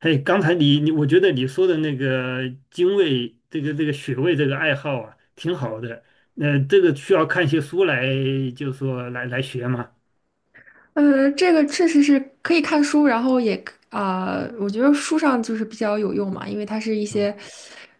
嘿，刚才你，我觉得你说的那个精卫，这个穴位这个爱好啊，挺好的。那、这个需要看一些书来，就说来学嘛。这个确实是可以看书，然后也我觉得书上就是比较有用嘛，因为它是一些啊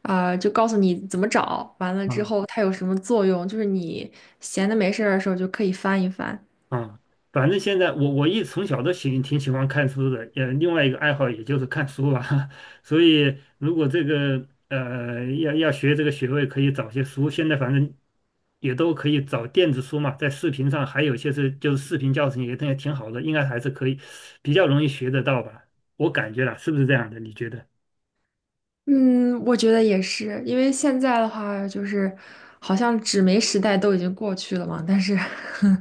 就告诉你怎么找，完了之啊。后它有什么作用，就是你闲的没事儿的时候就可以翻一翻。啊，反正现在我一从小都挺喜欢看书的，也另外一个爱好也就是看书吧。所以如果这个要学这个学位，可以找些书。现在反正也都可以找电子书嘛，在视频上还有一些就是视频教程也挺好的，应该还是可以比较容易学得到吧。我感觉啦，是不是这样的？你觉得？嗯，我觉得也是，因为现在的话就是好像纸媒时代都已经过去了嘛，但是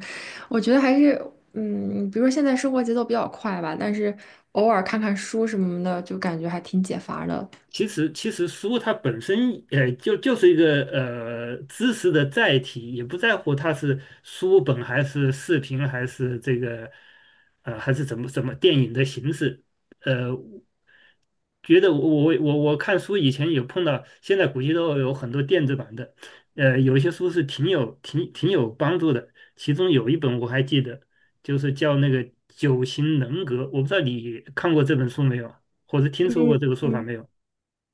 我觉得还是比如说现在生活节奏比较快吧，但是偶尔看看书什么的，就感觉还挺解乏的。其实，书它本身，就是一个知识的载体，也不在乎它是书本还是视频还是这个，还是怎么电影的形式。呃，觉得我我看书以前有碰到，现在估计都有很多电子版的，有一些书是挺有帮助的。其中有一本我还记得，就是叫那个《九型人格》，我不知道你看过这本书没有，或者听说过嗯。这个说法没有？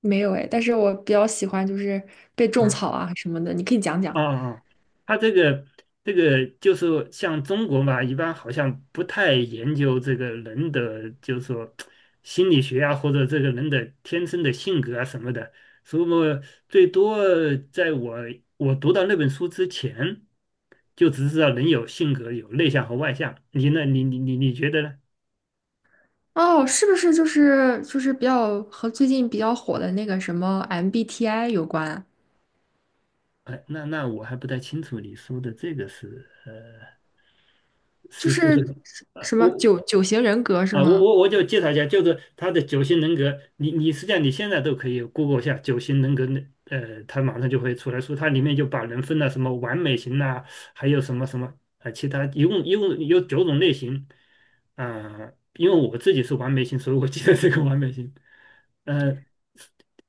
没有哎，但是我比较喜欢就是被种草啊。啊什么的，你可以讲讲。啊啊，他这个就是像中国嘛，一般好像不太研究这个人的，就是说心理学啊，或者这个人的天生的性格啊什么的。所以我最多在我读到那本书之前，就只知道人有性格，有内向和外向。你呢？你觉得呢？哦，是不是就是比较和最近比较火的那个什么 MBTI 有关啊哎，那我还不太清楚你说的这个是就是，是呃，什么我九型人格是我吗？我我就介绍一下，就是他的九型人格，你实际上你现在都可以 Google 一下九型人格那，他马上就会出来说，它里面就把人分了什么完美型呐、还有什么什么啊，其他一共有九种类型，啊、因为我自己是完美型，所以我记得这个完美型，呃，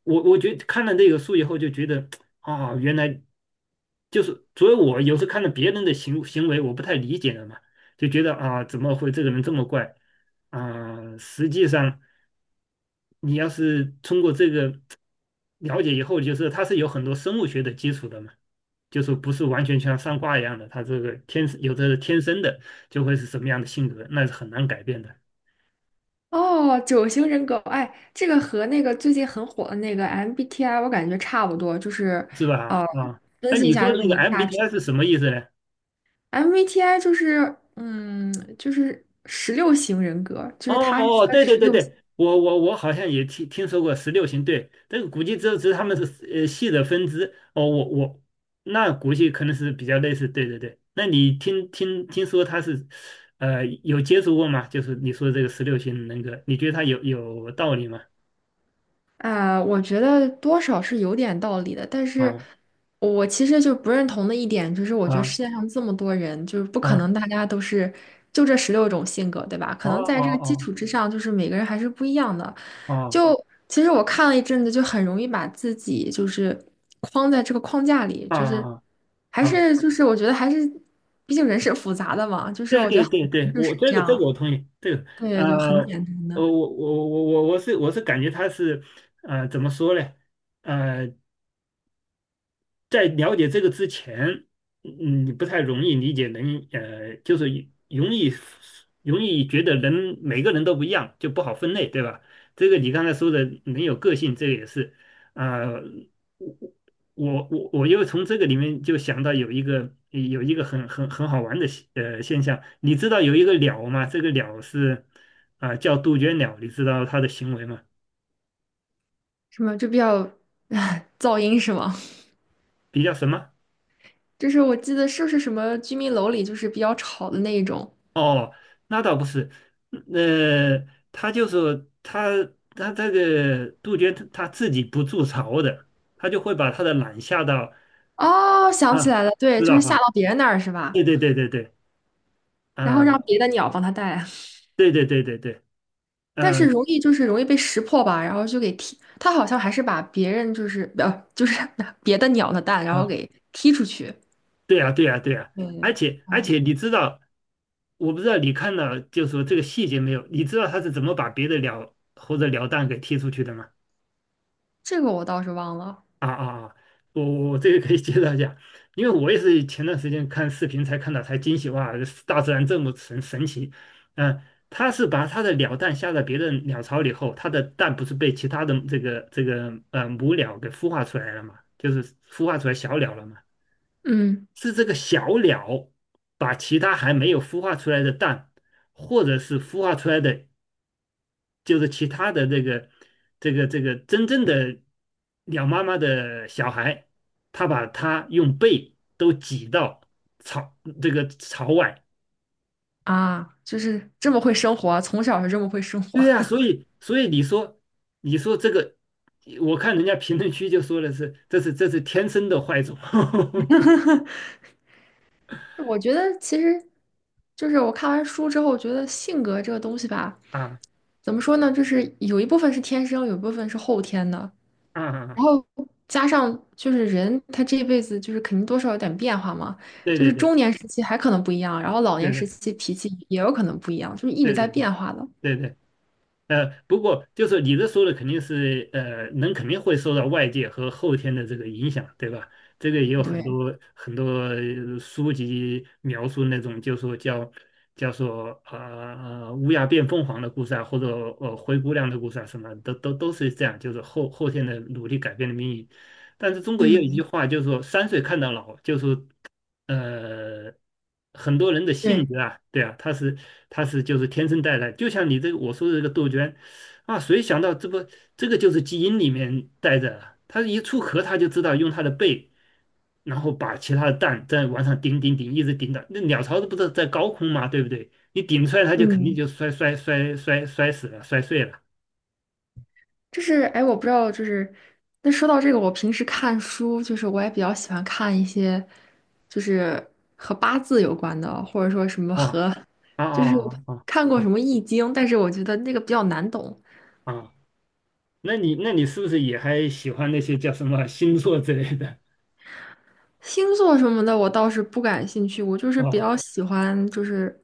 我觉得看了这个书以后就觉得啊，原来就是，所以我有时看到别人的行为，我不太理解了嘛，就觉得啊，怎么会这个人这么怪？啊、实际上你要是通过这个了解以后，就是它是有很多生物学的基础的嘛，就是不是完全像上卦一样的，它这个天生有的是天生的就会是什么样的性格，那是很难改变的，哦，九型人格，哎，这个和那个最近很火的那个 MBTI，我感觉差不多，就是，是吧？呃，啊，那分析一你下，说就是这个 你大致 MBTI 是什么意思呢？MBTI 就是，嗯，就是十六型人格，就哦是它是哦，哦分对对十对六对，我好像也听说过十六型，对，这个估计只是他们是系的分支。哦，那估计可能是比较类似，对对对。那你听说他是有接触过吗？就是你说这个十六型人格，你觉得他有道理吗？啊，我觉得多少是有点道理的，但是啊我其实就不认同的一点就是，我觉得世啊界上这么多人，就是不可啊！能大家都是就这十六种性格，对吧？可哦能在哦这个基哦础之上，就是每个人还是不一样的。哦哦就其实我看了一阵子，就很容易把自己就是框在这个框架里，就是哦！还啊是就是我觉得还是，毕竟人是复杂的嘛，就是对我觉对得很对对，难就我是这这个这个样，我同意，呃，对，就很简单我的，我我我我是我是感觉他是怎么说呢？呃在了解这个之前，你不太容易理解人，就是容易容易觉得人每个人都不一样，就不好分类，对吧？这个你刚才说的人有个性，这个也是，啊、我又从这个里面就想到有一个很好玩的现象，你知道有一个鸟吗？这个鸟叫杜鹃鸟，你知道它的行为吗？什么就比较，噪音是吗？比较什么？就是我记得是不是什么居民楼里就是比较吵的那一种？哦，那倒不是，嗯呃，他就是他他这个杜鹃他自己不筑巢的，他就会把他的卵下到哦，想起啊，来了，对，知就是道下到哈？别人那儿是吧？对对对对对，然后让啊，别的鸟帮它带来，对对对对对，但是容嗯易就是容易被识破吧，然后就给踢。它好像还是把别人就是 别的鸟的蛋，然后啊，给踢出去。对呀对呀对呀，对而对，且而哦，且你知道，我不知道你看到就说这个细节没有？你知道他是怎么把别的鸟或者鸟蛋给踢出去的吗？这个我倒是忘了。啊啊啊！我我这个可以介绍一下，因为我也是前段时间看视频才看到，才惊喜哇，大自然这么神奇。嗯、它是把它的鸟蛋下到别的鸟巢里后，它的蛋不是被其他的这个母鸟给孵化出来了嘛，就是孵化出来小鸟了嘛，嗯是这个小鸟把其他还没有孵化出来的蛋，或者是孵化出来的就是其他的这个真正的鸟妈妈的小孩，他把它用背都挤到朝朝外。啊，就是这么会生活啊从小就这么会生活。对呀、所以你说这个，我看人家评论区就说的是这是天生的坏种 我觉得其实就是我看完书之后，我觉得性格这个东西吧，啊怎么说呢，就是有一部分是天生，有一部分是后天的，然啊，后加上就是人他这一辈子就是肯定多少有点变化嘛，对就对是对中年时期还可能不一样，然后老对年时对期脾气也有可能不一样，就是一直对在对对变化的。对对。不过就是你这说的肯定是人肯定会受到外界和后天的这个影响，对吧？这个也有很对，多很多书籍描述那种，就说做乌鸦变凤凰的故事啊，或者灰姑娘的故事啊，什么都是这样，就是后天的努力改变了命运。但是中国也有一句嗯，话，就是说三岁看到老，就是呃，很多人的性对，格啊，对啊，他是就是天生带来，就像你这个我说的这个杜鹃啊，谁想到这不这个就是基因里面带着啊，它一出壳它就知道用它的背，然后把其他的蛋在往上顶顶顶，一直顶到那鸟巢不是在高空嘛，对不对？你顶出来它就肯定嗯。就摔摔摔摔摔死了，摔碎了，就是哎，我不知道，就是那说到这个，我平时看书，就是我也比较喜欢看一些，就是和八字有关的，或者说什么哇和，啊就是 啊啊啊 看过什么易经，但是我觉得那个比较难懂。啊啊！那你是不是也还喜欢那些叫什么星座之类的？星座什么的我倒是不感兴趣，我就 是比哦较喜欢就是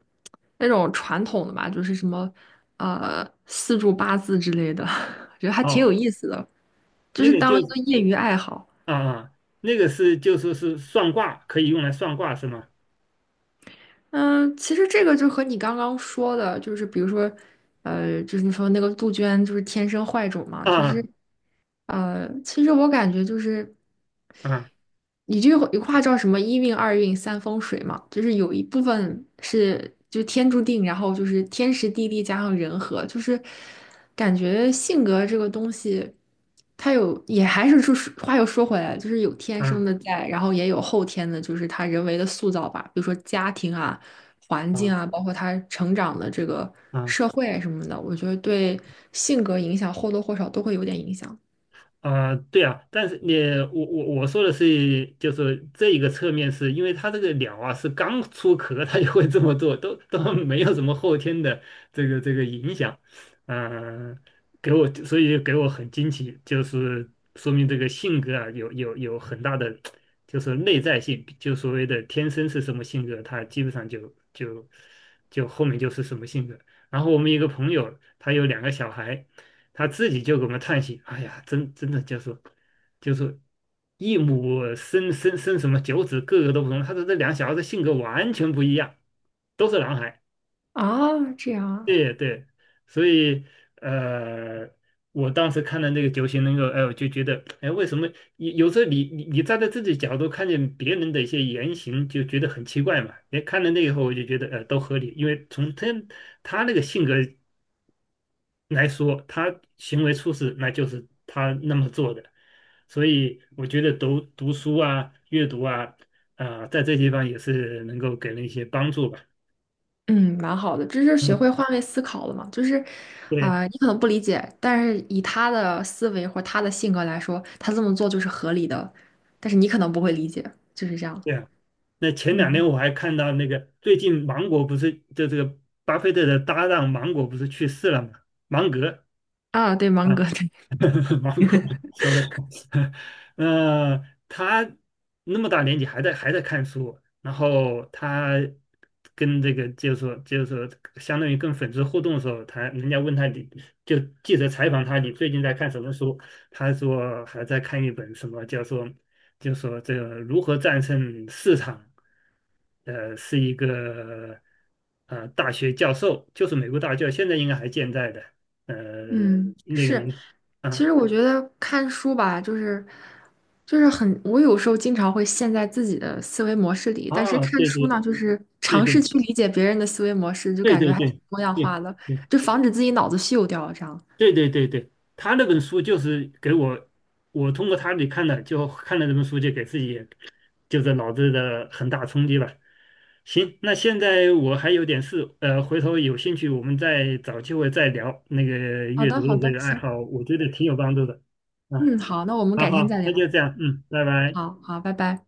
那种传统的吧，就是什么四柱八字之类的，我觉得还挺哦有意思的，就那是个就当一个业余爱好。啊啊，那个就说是算卦，可以用来算卦是吗？嗯，其实这个就和你刚刚说的，就是比如说，就是你说那个杜鹃就是天生坏种嘛，就是，啊其实我感觉就是。啊你这一话叫什么一运二运三风水嘛，就是有一部分是就天注定，然后就是天时地利加上人和，就是感觉性格这个东西，它有也还是就是话又说回来，就是有天生啊的在，然后也有后天的，就是他人为的塑造吧，比如说家庭啊、环境啊啊，包括他成长的这个啊！社会什么的，我觉得对性格影响或多或少都会有点影响啊、对啊，但是你我我我说的是，就是这一个侧面是，因为它这个鸟啊是刚出壳，它就会这么做，都没有什么后天的这个影响，嗯、所以给我很惊奇，就是说明这个性格啊有很大的就是内在性，就所谓的天生是什么性格，它基本上就就就后面就是什么性格。然后我们一个朋友，他有两个小孩，他自己就给我们叹息："哎呀，真的就是一母生什么九子，个个都不同。"他说这两小孩的性格完全不一样，都是男孩。啊，这样啊。对对，所以呃，我当时看了那个九型人格，哎，我就觉得，哎，为什么有时候你站在自己角度看见别人的一些言行，就觉得很奇怪嘛？哎，看了那以后，我就觉得都合理，因为从他那个性格来说，他行为出事，那就是他那么做的。所以我觉得读读书啊、阅读啊，啊、在这地方也是能够给人一些帮助吧。嗯，蛮好的，这是学嗯，会换位思考了嘛？就是，对你可能不理解，但是以他的思维或他的性格来说，他这么做就是合理的，但是你可能不会理解，就是这样。对啊。那前两天嗯，我还看到那个，最近芒果不是就这个巴菲特的搭档芒果不是去世了吗？芒格。啊，对，芒啊。格，对，芒果 s o r r 那 他那么大年纪还在看书，然后他跟这个就是说，相当于跟粉丝互动的时候，他人家问他你就记者采访他你最近在看什么书，他说还在看一本什么叫做就说这个如何战胜市场，是一个大学教授，就是美国大学教授，现在应该还健在的，呃，嗯，那个是。人。其啊，实我觉得看书吧，就是很，我有时候经常会陷在自己的思维模式里，但是啊，看对书对呢，就是对尝对试去理解别人的思维模式，就对感觉对还挺对多样对对化的，就防止自己脑子锈掉这样。对对对对，他那本书就是给我，我通过他里看的，就看了这本书，就给自己就是脑子的很大冲击吧。行，那现在我还有点事，回头有兴趣我们再找机会再聊那个好阅的，读好的这的，个爱行。好，我觉得挺有帮助的。啊，嗯，好，那我们好改天好，再那聊。就这样，嗯，拜拜。好好，拜拜。